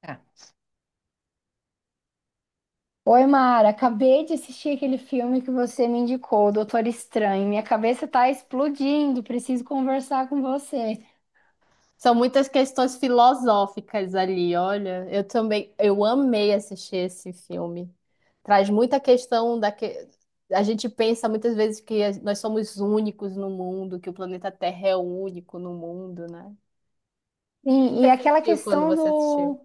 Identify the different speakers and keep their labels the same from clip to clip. Speaker 1: Tá. Oi, Mara, acabei de assistir aquele filme que você me indicou, Doutor Estranho. Minha cabeça tá explodindo, preciso conversar com você.
Speaker 2: São muitas questões filosóficas ali, olha. Eu também, eu amei assistir esse filme. Traz muita questão da que a gente pensa muitas vezes que nós somos únicos no mundo, que o planeta Terra é o único no mundo, né? O
Speaker 1: Sim,
Speaker 2: que
Speaker 1: e
Speaker 2: você
Speaker 1: aquela
Speaker 2: sentiu quando você assistiu?
Speaker 1: do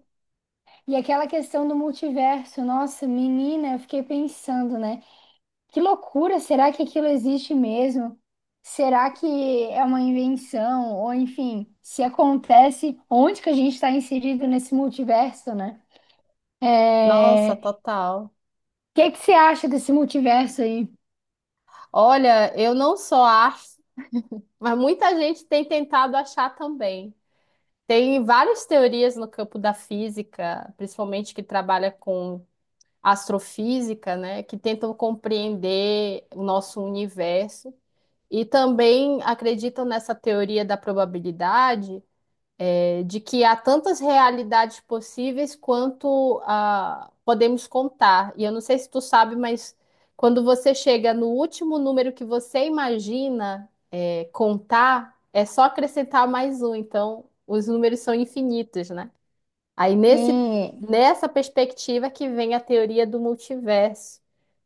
Speaker 1: e aquela questão do multiverso, nossa, menina, eu fiquei pensando, né? Que loucura, será que aquilo existe mesmo? Será que é uma invenção? Ou enfim, se acontece, onde que a gente está inserido nesse multiverso, né? É...
Speaker 2: Nossa,
Speaker 1: O
Speaker 2: total.
Speaker 1: que que você acha desse multiverso aí?
Speaker 2: Olha, eu não só acho, mas muita gente tem tentado achar também. Tem várias teorias no campo da física, principalmente que trabalha com astrofísica, né, que tentam compreender o nosso universo e também acreditam nessa teoria da probabilidade, de que há tantas realidades possíveis quanto podemos contar. E eu não sei se tu sabe, mas quando você chega no último número que você imagina contar, é só acrescentar mais um. Então, os números são infinitos, né? Aí nesse,
Speaker 1: Sim.
Speaker 2: nessa perspectiva que vem a teoria do multiverso,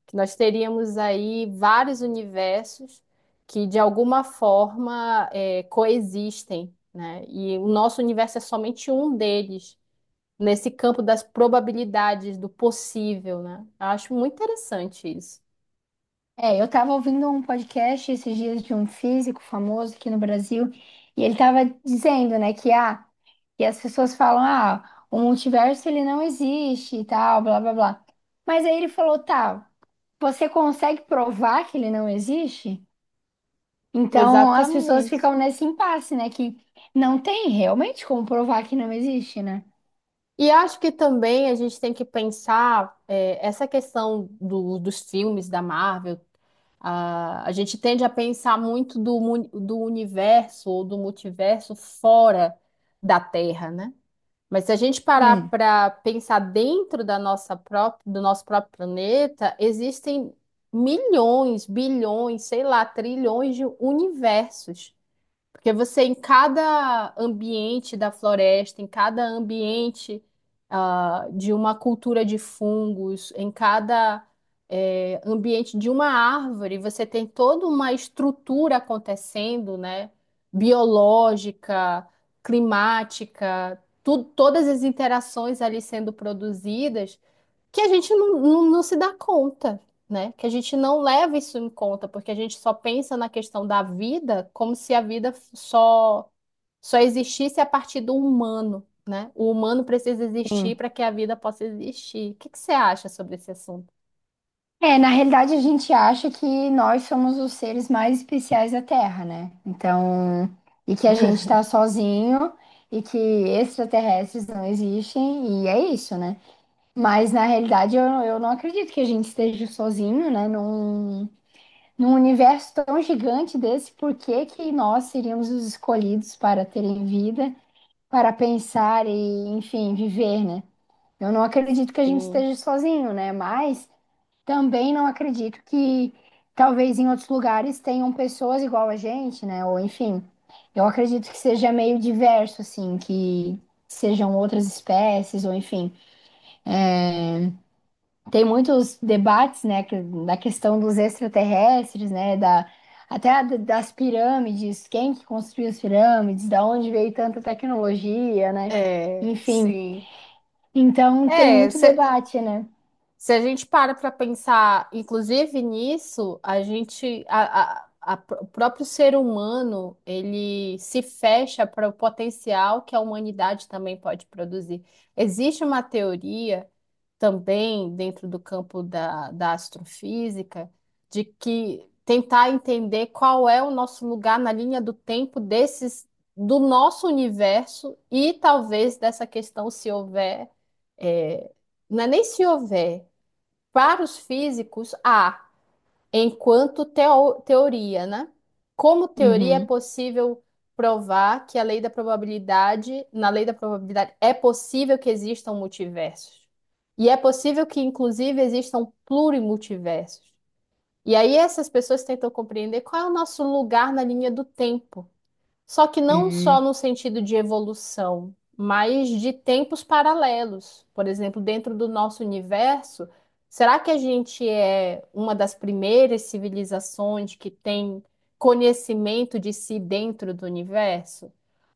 Speaker 2: que nós teríamos aí vários universos que de alguma forma coexistem, né? E o nosso universo é somente um deles, nesse campo das probabilidades, do possível, né? Eu acho muito interessante isso.
Speaker 1: É, eu estava ouvindo um podcast esses dias de um físico famoso aqui no Brasil, e ele estava dizendo, né, que que as pessoas falam, ah, o multiverso ele não existe e tal, blá blá blá. Mas aí ele falou, tá, você consegue provar que ele não existe? Então as pessoas
Speaker 2: Exatamente.
Speaker 1: ficam nesse impasse, né, que não tem realmente como provar que não existe, né?
Speaker 2: E acho que também a gente tem que pensar essa questão dos filmes da Marvel. A gente tende a pensar muito do universo ou do multiverso fora da Terra, né? Mas se a gente parar
Speaker 1: Sim.
Speaker 2: para pensar dentro da nossa própria, do nosso próprio planeta, existem milhões, bilhões, sei lá, trilhões de universos. Porque você, em cada ambiente da floresta, em cada ambiente, de uma cultura de fungos, em cada, ambiente de uma árvore, você tem toda uma estrutura acontecendo, né? Biológica, climática, todas as interações ali sendo produzidas que a gente não se dá conta, né? Que a gente não leva isso em conta, porque a gente só pensa na questão da vida como se a vida só existisse a partir do humano, né? O humano precisa existir
Speaker 1: Sim.
Speaker 2: para que a vida possa existir. O que que você acha sobre esse assunto?
Speaker 1: É, na realidade a gente acha que nós somos os seres mais especiais da Terra, né? Então, e que a gente tá sozinho e que extraterrestres não existem, e é isso, né? Mas na realidade eu não acredito que a gente esteja sozinho, né? Num universo tão gigante desse, por que que nós seríamos os escolhidos para terem vida, para pensar e, enfim, viver, né? Eu não acredito que a gente
Speaker 2: Sim,
Speaker 1: esteja sozinho, né? Mas. Também não acredito que talvez em outros lugares tenham pessoas igual a gente, né? Ou enfim, eu acredito que seja meio diverso, assim, que sejam outras espécies, ou enfim. Tem muitos debates, né, da questão dos extraterrestres, né? Da, das pirâmides, quem que construiu as pirâmides, da onde veio tanta tecnologia, né? Enfim,
Speaker 2: sim.
Speaker 1: então tem
Speaker 2: É,
Speaker 1: muito debate, né?
Speaker 2: se a gente para para pensar, inclusive nisso, a gente, a o próprio ser humano, ele se fecha para o potencial que a humanidade também pode produzir. Existe uma teoria também dentro do campo da, da astrofísica de que tentar entender qual é o nosso lugar na linha do tempo desses, do nosso universo e talvez dessa questão se houver, é, não é nem se houver. Para os físicos, há, enquanto teoria, né? Como teoria é
Speaker 1: Uhum.
Speaker 2: possível provar que a lei da probabilidade, na lei da probabilidade, é possível que existam multiversos. E é possível que, inclusive, existam plurimultiversos. E aí essas pessoas tentam compreender qual é o nosso lugar na linha do tempo. Só que não só no sentido de evolução, mas de tempos paralelos. Por exemplo, dentro do nosso universo, será que a gente é uma das primeiras civilizações que tem conhecimento de si dentro do universo?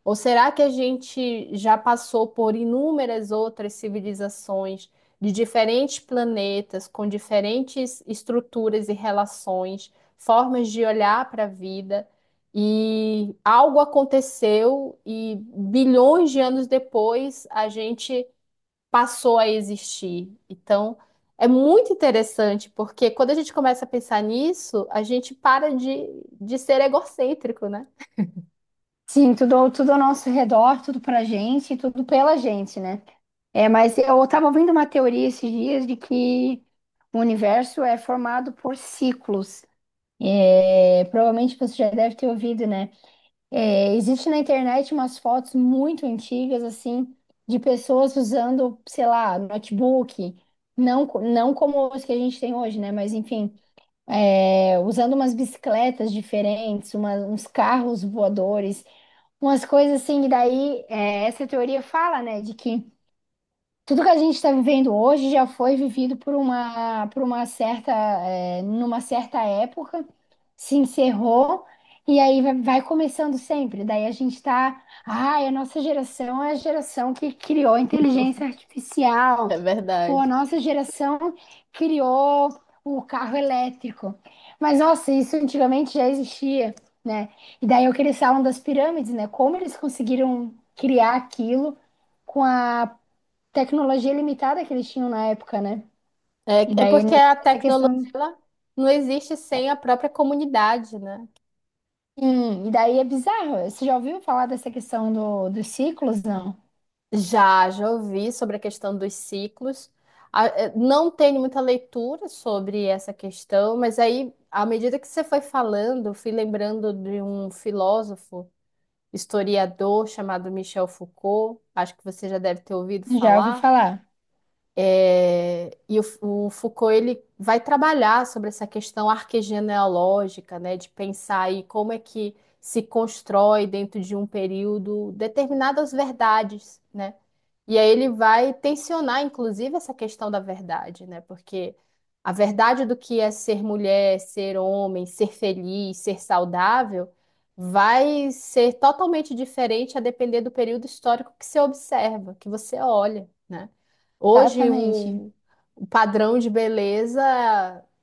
Speaker 2: Ou será que a gente já passou por inúmeras outras civilizações de diferentes planetas, com diferentes estruturas e relações, formas de olhar para a vida? E algo aconteceu e bilhões de anos depois a gente passou a existir. Então, é muito interessante, porque quando a gente começa a pensar nisso, a gente para de ser egocêntrico, né?
Speaker 1: Sim, tudo, tudo ao nosso redor, tudo pra gente, tudo pela gente, né? É, mas eu estava ouvindo uma teoria esses dias de que o universo é formado por ciclos. É, provavelmente você já deve ter ouvido, né? É, existe na internet umas fotos muito antigas, assim, de pessoas usando, sei lá, notebook, não, não como os que a gente tem hoje, né? Mas enfim, é, usando umas bicicletas diferentes, uns carros voadores, umas coisas assim, e daí é, essa teoria fala, né, de que. Tudo que a gente está vivendo hoje já foi vivido por uma certa, é, numa certa época, se encerrou, e aí vai começando sempre. Daí a gente está, ai, a nossa geração é a geração que criou a inteligência artificial,
Speaker 2: É
Speaker 1: ou a
Speaker 2: verdade.
Speaker 1: nossa geração criou o carro elétrico. Mas, nossa, isso antigamente já existia, né? E daí eu que eles falam das pirâmides, né? Como eles conseguiram criar aquilo com a tecnologia limitada que eles tinham na época, né? E
Speaker 2: É, é
Speaker 1: daí
Speaker 2: porque a
Speaker 1: essa
Speaker 2: tecnologia
Speaker 1: questão.
Speaker 2: ela não existe sem a própria comunidade, né?
Speaker 1: Sim, e daí é bizarro. Você já ouviu falar dessa questão do, dos ciclos? Não.
Speaker 2: Já, já ouvi sobre a questão dos ciclos. Não tenho muita leitura sobre essa questão, mas aí, à medida que você foi falando, eu fui lembrando de um filósofo, historiador chamado Michel Foucault. Acho que você já deve ter ouvido
Speaker 1: Já ouvi
Speaker 2: falar.
Speaker 1: falar.
Speaker 2: E o Foucault ele vai trabalhar sobre essa questão arquegenealógica, né, de pensar aí como é que se constrói dentro de um período determinadas verdades, né? E aí ele vai tensionar, inclusive, essa questão da verdade, né? Porque a verdade do que é ser mulher, ser homem, ser feliz, ser saudável, vai ser totalmente diferente a depender do período histórico que você observa, que você olha, né? Hoje,
Speaker 1: Exatamente.
Speaker 2: o padrão de beleza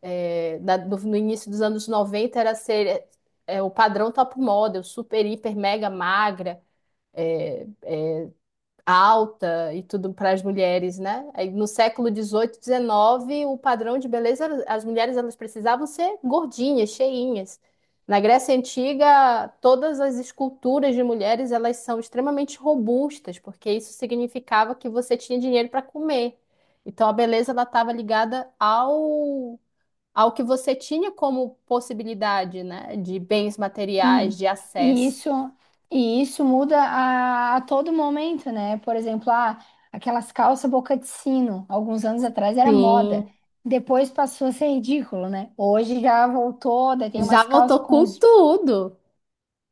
Speaker 2: no início dos anos 90 era ser o padrão top model, super, hiper, mega magra é, alta e tudo para as mulheres, né? Aí, no século XVIII, XIX, o padrão de beleza, era- as mulheres elas precisavam ser gordinhas, cheinhas. Na Grécia Antiga, todas as esculturas de mulheres elas são extremamente robustas, porque isso significava que você tinha dinheiro para comer. Então a beleza ela estava ligada ao que você tinha como possibilidade, né, de bens
Speaker 1: Sim.
Speaker 2: materiais, de
Speaker 1: E
Speaker 2: acesso.
Speaker 1: isso, e isso muda a todo momento, né? Por exemplo, ah, aquelas calças boca de sino, alguns anos atrás era moda.
Speaker 2: Sim,
Speaker 1: Depois passou a ser ridículo, né? Hoje já voltou, daí tem
Speaker 2: já
Speaker 1: umas calças
Speaker 2: voltou
Speaker 1: com
Speaker 2: com
Speaker 1: uns...
Speaker 2: tudo.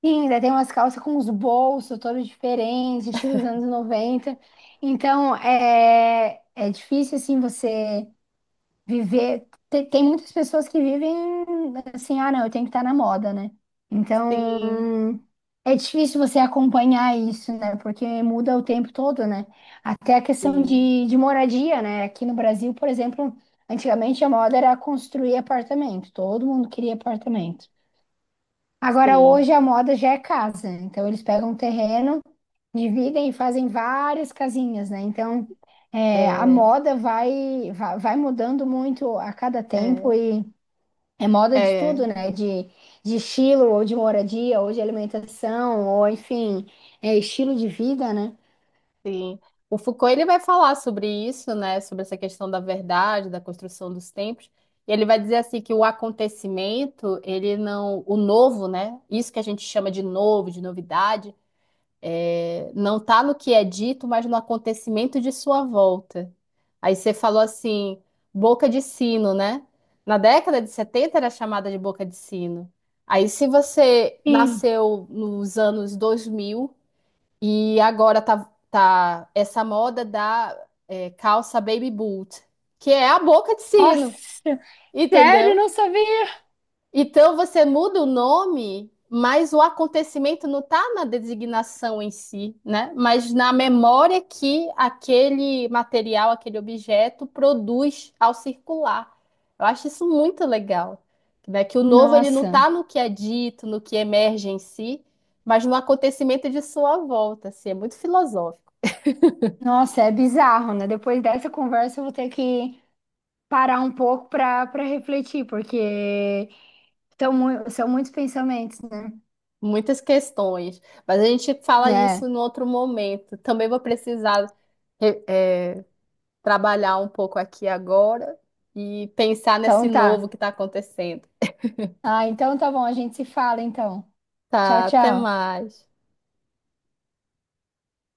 Speaker 1: Sim, daí tem umas calças com os bolsos todos diferentes, estilo dos anos 90. Então, é difícil, assim, você viver... Tem, tem muitas pessoas que vivem assim, ah, não, eu tenho que estar na moda, né?
Speaker 2: Sim,
Speaker 1: Então, é difícil você acompanhar isso, né? Porque muda o tempo todo, né? Até a questão
Speaker 2: sim,
Speaker 1: de moradia, né? Aqui no Brasil, por exemplo, antigamente a moda era construir apartamento. Todo mundo queria apartamento. Agora,
Speaker 2: sim.
Speaker 1: hoje a moda já é casa, então eles pegam um terreno, dividem e fazem várias casinhas, né? Então, é, a
Speaker 2: É,
Speaker 1: moda vai mudando muito a cada tempo
Speaker 2: é,
Speaker 1: e é moda de tudo,
Speaker 2: é,
Speaker 1: né? De estilo, ou de moradia, ou de alimentação, ou enfim, é estilo de vida, né?
Speaker 2: sim. O Foucault ele vai falar sobre isso, né? Sobre essa questão da verdade, da construção dos tempos. E ele vai dizer assim que o acontecimento, ele não, o novo, né? Isso que a gente chama de novo, de novidade, não está no que é dito, mas no acontecimento de sua volta. Aí você falou assim, boca de sino, né? Na década de 70 era chamada de boca de sino. Aí se você
Speaker 1: Sim.
Speaker 2: nasceu nos anos 2000 e agora tá essa moda da calça baby boot, que é a boca de sino,
Speaker 1: Nossa, sério,
Speaker 2: entendeu?
Speaker 1: não sabia.
Speaker 2: Então você muda o nome, mas o acontecimento não está na designação em si, né? Mas na memória que aquele material, aquele objeto produz ao circular. Eu acho isso muito legal, né? Que o novo ele não
Speaker 1: Nossa,
Speaker 2: está no que é dito, no que emerge em si, mas no acontecimento de sua volta. Assim, é muito filosófico,
Speaker 1: Nossa, é bizarro, né? Depois dessa conversa eu vou ter que parar um pouco para refletir, porque são muitos pensamentos, né?
Speaker 2: muitas questões. Mas a gente fala
Speaker 1: É,
Speaker 2: isso em outro momento. Também vou precisar eh, eh, trabalhar um pouco aqui e agora e pensar
Speaker 1: então
Speaker 2: nesse
Speaker 1: tá.
Speaker 2: novo que está acontecendo.
Speaker 1: Ah, então tá bom, a gente se fala então. Tchau,
Speaker 2: Tá, até
Speaker 1: tchau.
Speaker 2: mais.